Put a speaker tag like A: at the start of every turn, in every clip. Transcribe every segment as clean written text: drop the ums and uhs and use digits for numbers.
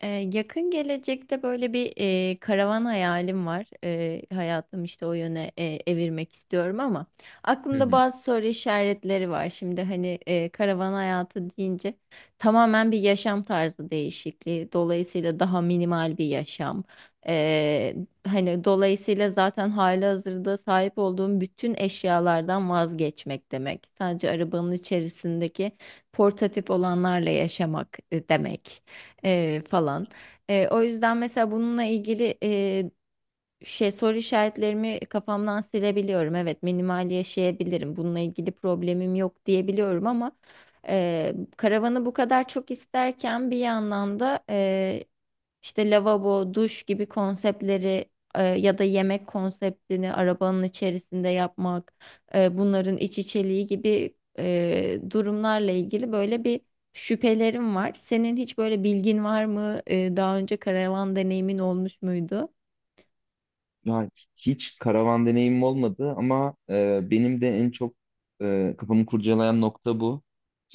A: Ee, yakın gelecekte böyle bir karavan hayalim var. Hayatım işte o yöne evirmek istiyorum ama
B: Hı
A: aklımda
B: hı.
A: bazı soru işaretleri var. Şimdi hani karavan hayatı deyince tamamen bir yaşam tarzı değişikliği. Dolayısıyla daha minimal bir yaşam. Ee, hani dolayısıyla zaten halihazırda sahip olduğum bütün eşyalardan vazgeçmek demek. Sadece arabanın içerisindeki portatif olanlarla yaşamak demek falan. O yüzden mesela bununla ilgili şey soru işaretlerimi kafamdan silebiliyorum. Evet, minimal yaşayabilirim. Bununla ilgili problemim yok diyebiliyorum ama karavanı bu kadar çok isterken bir yandan da işte lavabo, duş gibi konseptleri ya da yemek konseptini arabanın içerisinde yapmak, bunların iç içeliği gibi durumlarla ilgili böyle bir şüphelerim var. Senin hiç böyle bilgin var mı? Daha önce karavan deneyimin olmuş muydu?
B: Ya hiç karavan deneyimim olmadı ama benim de en çok kafamı kurcalayan nokta bu.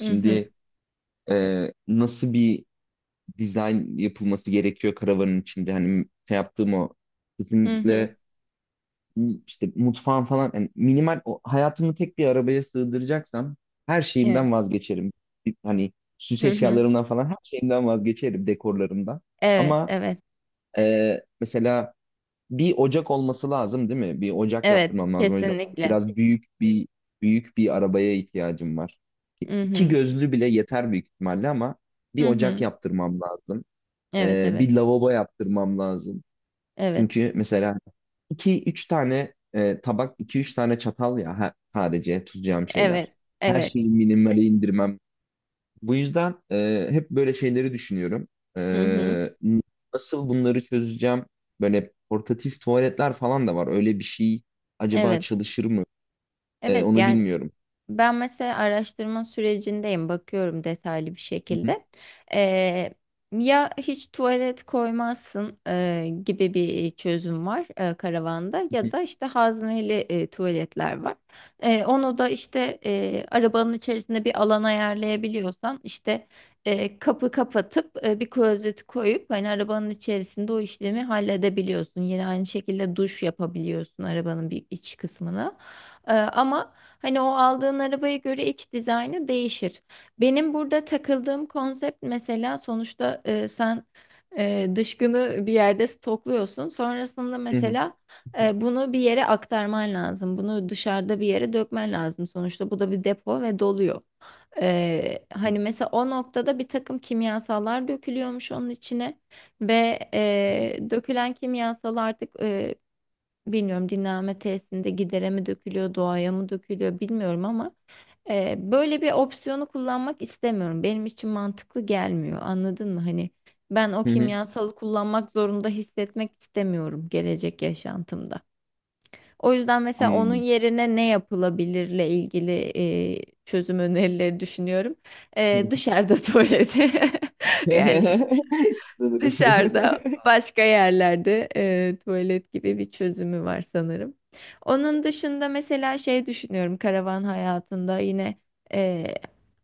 A: Hı hı.
B: nasıl bir dizayn yapılması gerekiyor karavanın içinde? Hani şey yaptığım o
A: Hı hı.
B: kesinlikle işte mutfağın falan, yani minimal, o, hayatımı tek bir arabaya sığdıracaksam her
A: Evet.
B: şeyimden vazgeçerim. Hani süs
A: Hı hı.
B: eşyalarımdan falan her şeyimden vazgeçerim, dekorlarımdan.
A: Evet,
B: Ama
A: evet.
B: mesela bir ocak olması lazım değil mi? Bir ocak
A: Evet,
B: yaptırmam lazım. O yüzden
A: kesinlikle.
B: biraz büyük bir büyük bir arabaya ihtiyacım var.
A: Hı
B: İki
A: hı.
B: gözlü bile yeter büyük ihtimalle ama bir
A: Hı
B: ocak
A: hı.
B: yaptırmam lazım.
A: Evet, evet.
B: Bir lavabo yaptırmam lazım.
A: Evet.
B: Çünkü mesela iki üç tane tabak, iki üç tane çatal, ya sadece tutacağım şeyler.
A: Evet.
B: Her
A: Evet.
B: şeyi minimale indirmem, bu yüzden hep böyle şeyleri düşünüyorum.
A: Hı hı.
B: E, Nasıl bunları çözeceğim? Böyle portatif tuvaletler falan da var. Öyle bir şey acaba
A: Evet.
B: çalışır mı?
A: Evet.
B: Onu
A: Yani
B: bilmiyorum.
A: ben mesela araştırma sürecindeyim, bakıyorum detaylı bir
B: Hı hı,
A: şekilde. Eee, ya hiç tuvalet koymazsın gibi bir çözüm var karavanda ya da işte hazneli tuvaletler var. Onu da işte arabanın içerisinde bir alan ayarlayabiliyorsan işte kapı kapatıp bir klozeti koyup hani arabanın içerisinde o işlemi halledebiliyorsun. Yine aynı şekilde duş yapabiliyorsun arabanın bir iç kısmını. Ama hani o aldığın arabaya göre iç dizaynı değişir. Benim burada takıldığım konsept mesela sonuçta sen dışkını bir yerde stokluyorsun. Sonrasında
B: hı hı,
A: mesela bunu bir yere aktarman lazım. Bunu dışarıda bir yere dökmen lazım. Sonuçta bu da bir depo ve doluyor.
B: hı hı,
A: Hani mesela o noktada bir takım kimyasallar dökülüyormuş onun içine ve dökülen kimyasal artık bilmiyorum dinlenme tesisinde gidere mi dökülüyor, doğaya mı dökülüyor bilmiyorum ama böyle bir opsiyonu kullanmak istemiyorum. Benim için mantıklı gelmiyor. Anladın mı? Hani ben o
B: hı hı.
A: kimyasalı kullanmak zorunda hissetmek istemiyorum gelecek yaşantımda. O yüzden mesela onun
B: Anladım.
A: yerine ne yapılabilirle ilgili çözüm önerileri düşünüyorum.
B: Hı hı.
A: Dışarıda tuvalete. Yani
B: Sanırım.
A: dışarıda başka yerlerde tuvalet gibi bir çözümü var sanırım. Onun dışında mesela şey düşünüyorum karavan hayatında yine e,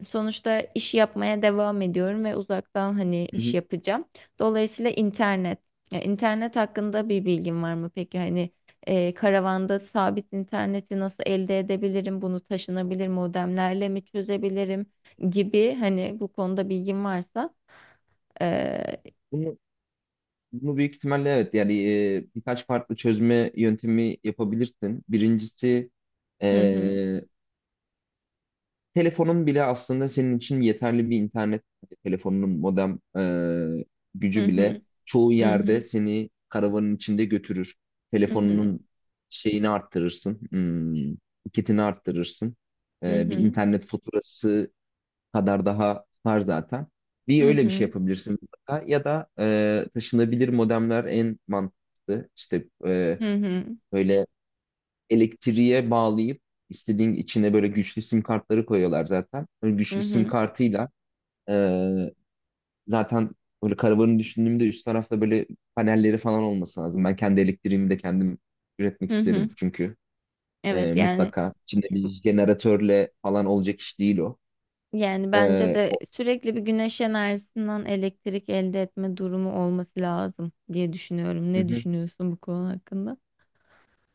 A: sonuçta iş yapmaya devam ediyorum ve uzaktan hani
B: Hı
A: iş
B: hı.
A: yapacağım. Dolayısıyla internet. Ya, internet hakkında bir bilgin var mı peki? Hani karavanda sabit interneti nasıl elde edebilirim? Bunu taşınabilir modemlerle mi çözebilirim gibi hani bu konuda bilgin varsa. e,
B: Bunu, bunu büyük ihtimalle evet, yani birkaç farklı çözme yöntemi yapabilirsin. Birincisi, e,
A: Hı hı.
B: telefonun bile aslında senin için yeterli bir internet, telefonunun modem e,
A: Hı
B: gücü bile
A: hı.
B: çoğu
A: Hı
B: yerde
A: hı.
B: seni karavanın içinde götürür.
A: Hı hı.
B: Telefonunun şeyini arttırırsın, kitini arttırırsın.
A: Hı
B: Bir
A: hı.
B: internet faturası kadar daha var zaten.
A: Hı
B: Bir öyle bir şey
A: hı.
B: yapabilirsin mutlaka. Ya da taşınabilir modemler en mantıklı. İşte
A: Hı hı.
B: böyle elektriğe bağlayıp istediğin içine böyle güçlü sim kartları koyuyorlar zaten. Böyle
A: Hı
B: güçlü sim
A: hı.
B: kartıyla e, zaten böyle karavanı düşündüğümde üst tarafta böyle panelleri falan olması lazım. Ben kendi elektriğimi de kendim üretmek
A: Hı
B: isterim,
A: hı.
B: çünkü
A: Evet, yani
B: mutlaka içinde bir jeneratörle falan olacak iş değil o.
A: yani bence
B: E,
A: de
B: o-
A: sürekli bir güneş enerjisinden elektrik elde etme durumu olması lazım diye düşünüyorum. Ne düşünüyorsun bu konu hakkında?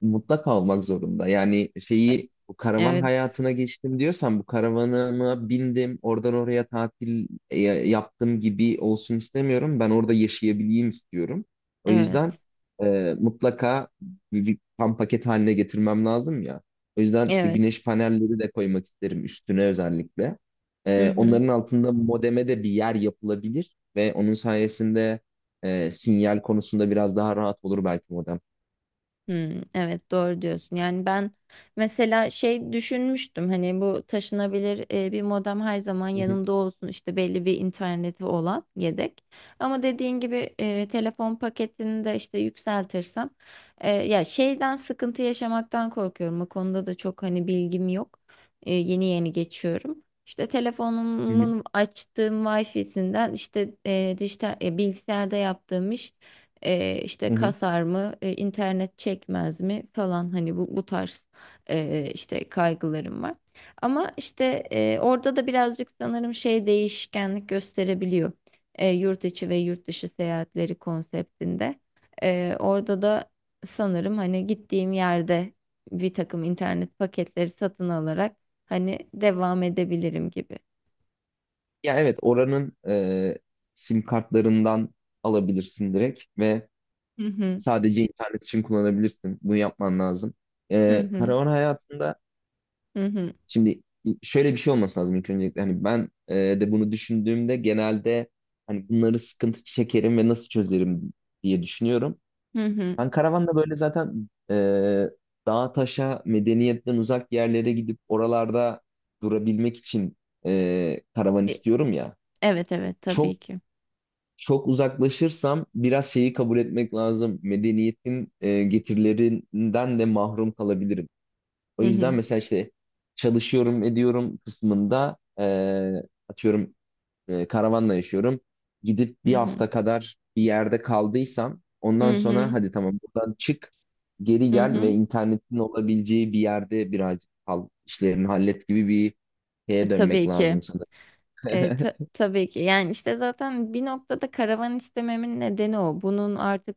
B: Mutlaka olmak zorunda. Yani
A: E-
B: şeyi bu karavan
A: Evet.
B: hayatına geçtim diyorsan, bu karavanıma bindim oradan oraya tatil yaptım gibi olsun istemiyorum. Ben orada yaşayabileyim istiyorum. O
A: Evet.
B: yüzden mutlaka bir tam paket haline getirmem lazım ya. O yüzden işte
A: Evet.
B: güneş panelleri de koymak isterim üstüne özellikle.
A: Hı hı.
B: Onların altında modeme de bir yer yapılabilir ve onun sayesinde sinyal konusunda biraz daha rahat olur belki modem.
A: Hmm, evet doğru diyorsun. Yani ben mesela şey düşünmüştüm hani bu taşınabilir bir modem her zaman
B: Hı hı,
A: yanımda olsun işte belli bir interneti olan yedek. Ama dediğin gibi telefon paketini de işte yükseltirsem ya şeyden sıkıntı yaşamaktan korkuyorum. O konuda da çok hani bilgim yok. Yeni yeni geçiyorum. İşte
B: hı hı,
A: telefonumun açtığım Wi-Fi'sinden işte dijital bilgisayarda yaptığım iş işte
B: hı hı.
A: kasar mı, internet çekmez mi falan hani bu tarz işte kaygılarım var. Ama işte orada da birazcık sanırım şey değişkenlik gösterebiliyor. Yurt içi ve yurt dışı seyahatleri konseptinde. Orada da sanırım hani gittiğim yerde bir takım internet paketleri satın alarak hani devam edebilirim gibi.
B: Ya evet, oranın sim kartlarından alabilirsin direkt ve
A: Hı hı,
B: sadece internet için kullanabilirsin. Bunu yapman lazım.
A: hı hı,
B: Karavan hayatında
A: hı hı,
B: şimdi şöyle bir şey olması lazım ilk öncelikle. Hani ben de bunu düşündüğümde genelde hani bunları sıkıntı çekerim ve nasıl çözerim diye düşünüyorum.
A: hı hı.
B: Ben karavanla böyle zaten dağa taşa medeniyetten uzak yerlere gidip oralarda durabilmek için karavan
A: E,
B: istiyorum ya.
A: Evet, evet,
B: Çok
A: tabii ki.
B: çok uzaklaşırsam biraz şeyi kabul etmek lazım. Medeniyetin getirilerinden de mahrum kalabilirim. O
A: Hı
B: yüzden
A: hı,
B: mesela işte çalışıyorum ediyorum kısmında, atıyorum, karavanla yaşıyorum. Gidip
A: hı
B: bir
A: hı.
B: hafta kadar bir yerde kaldıysam, ondan
A: Hı
B: sonra
A: hı,
B: hadi tamam, buradan çık, geri
A: hı
B: gel ve
A: hı.
B: internetin olabileceği bir yerde birazcık kal, işlerini hallet gibi bir şeye dönmek
A: Tabii
B: lazım
A: ki.
B: sanırım.
A: Tabii ki. Yani işte zaten bir noktada karavan istememin nedeni o. Bunun artık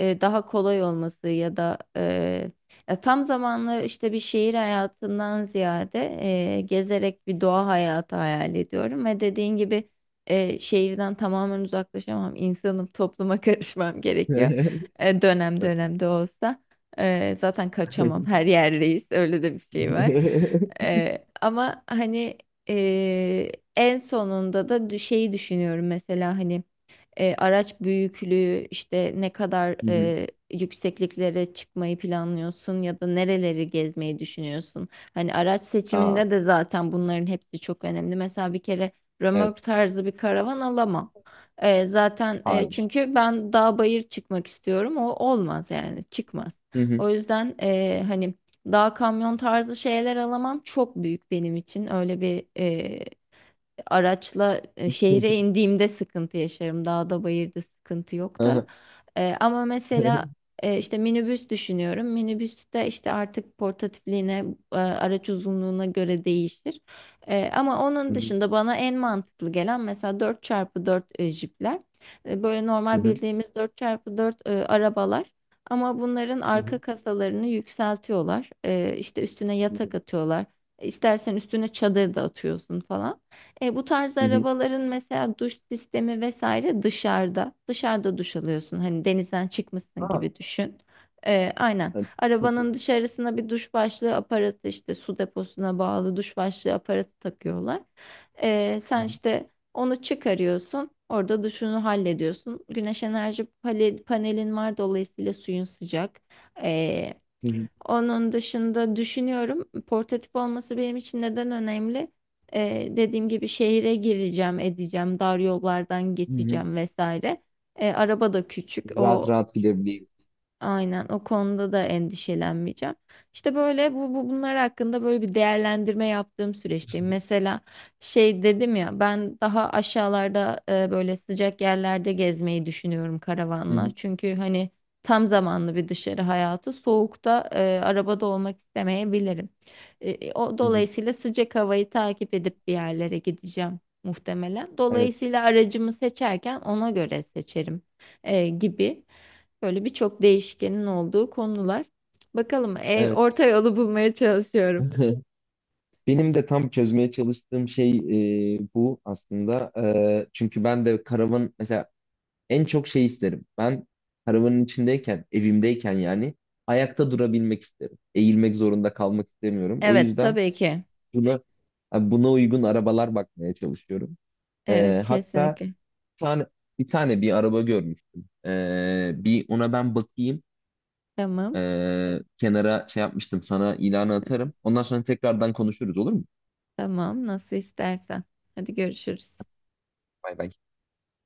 A: daha kolay olması ya da ya tam zamanlı işte bir şehir hayatından ziyade gezerek bir doğa hayatı hayal ediyorum ve dediğin gibi şehirden tamamen uzaklaşamam. İnsanım, topluma karışmam gerekiyor. Dönem dönem de olsa. Zaten kaçamam. Her yerdeyiz. Öyle de bir şey var. Ama hani en sonunda da şeyi düşünüyorum mesela hani araç büyüklüğü işte ne kadar
B: Hı hı.
A: yüksekliklere çıkmayı planlıyorsun ya da nereleri gezmeyi düşünüyorsun? Hani araç
B: Aa,
A: seçiminde de zaten bunların hepsi çok önemli. Mesela bir kere
B: evet.
A: römork tarzı bir karavan alamam. Zaten
B: Hı. Hayır.
A: çünkü ben dağ bayır çıkmak istiyorum. O olmaz yani çıkmaz.
B: Hı hı.
A: O yüzden hani dağ kamyon tarzı şeyler alamam çok büyük benim için. Öyle bir araçla şehre indiğimde sıkıntı yaşarım. Dağda bayırda sıkıntı yok da.
B: Aha.
A: Ama mesela işte minibüs düşünüyorum. Minibüste işte artık portatifliğine, araç uzunluğuna göre değişir. Ama
B: Hı
A: onun
B: hı.
A: dışında bana en mantıklı gelen mesela 4x4 jipler. Böyle
B: Hı
A: normal
B: hı.
A: bildiğimiz 4x4 arabalar. Ama bunların
B: Hı
A: arka
B: hı.
A: kasalarını yükseltiyorlar. İşte üstüne
B: Hı hı.
A: yatak atıyorlar. İstersen üstüne çadır da atıyorsun falan. Bu tarz
B: Hı hı.
A: arabaların mesela duş sistemi vesaire dışarıda. Dışarıda duş alıyorsun. Hani denizden çıkmışsın
B: Ha,
A: gibi düşün. Aynen.
B: evet, çok
A: Arabanın
B: iyi.
A: dışarısına bir duş başlığı aparatı işte su deposuna bağlı duş başlığı aparatı takıyorlar.
B: Hı
A: Sen
B: hı.
A: işte onu çıkarıyorsun. Orada duşunu hallediyorsun. Güneş enerji panelin var dolayısıyla suyun sıcak. E,
B: Hı hı.
A: onun dışında düşünüyorum portatif olması benim için neden önemli? Dediğim gibi şehire gireceğim, edeceğim, dar yollardan
B: Hı hı.
A: geçeceğim vesaire. Araba da küçük.
B: Rahat
A: O
B: rahat gidebileyim.
A: Aynen o konuda da endişelenmeyeceğim. İşte böyle bu, bu bunlar hakkında böyle bir değerlendirme yaptığım süreçteyim. Mesela şey dedim ya ben daha aşağılarda böyle sıcak yerlerde gezmeyi düşünüyorum
B: Hı
A: karavanla.
B: hı.
A: Çünkü hani tam zamanlı bir dışarı hayatı soğukta arabada olmak istemeyebilirim. O
B: Hı hı.
A: dolayısıyla sıcak havayı takip edip bir yerlere gideceğim muhtemelen.
B: Evet,
A: Dolayısıyla aracımı seçerken ona göre seçerim gibi. Böyle birçok değişkenin olduğu konular. Bakalım
B: evet.
A: orta yolu bulmaya çalışıyorum.
B: Benim de tam çözmeye çalıştığım şey bu aslında. Çünkü ben de karavan mesela en çok şey isterim. Ben karavanın içindeyken, evimdeyken, yani ayakta durabilmek isterim. Eğilmek zorunda kalmak istemiyorum. O
A: Evet,
B: yüzden
A: tabii ki.
B: buna buna uygun arabalar bakmaya çalışıyorum.
A: Evet,
B: Hatta
A: kesinlikle.
B: bir tane, bir tane bir araba görmüştüm. Bir ona ben bakayım.
A: Tamam,
B: Kenara şey yapmıştım, sana ilanı atarım. Ondan sonra tekrardan konuşuruz, olur mu?
A: tamam, nasıl istersen. Hadi görüşürüz.
B: Bay bay.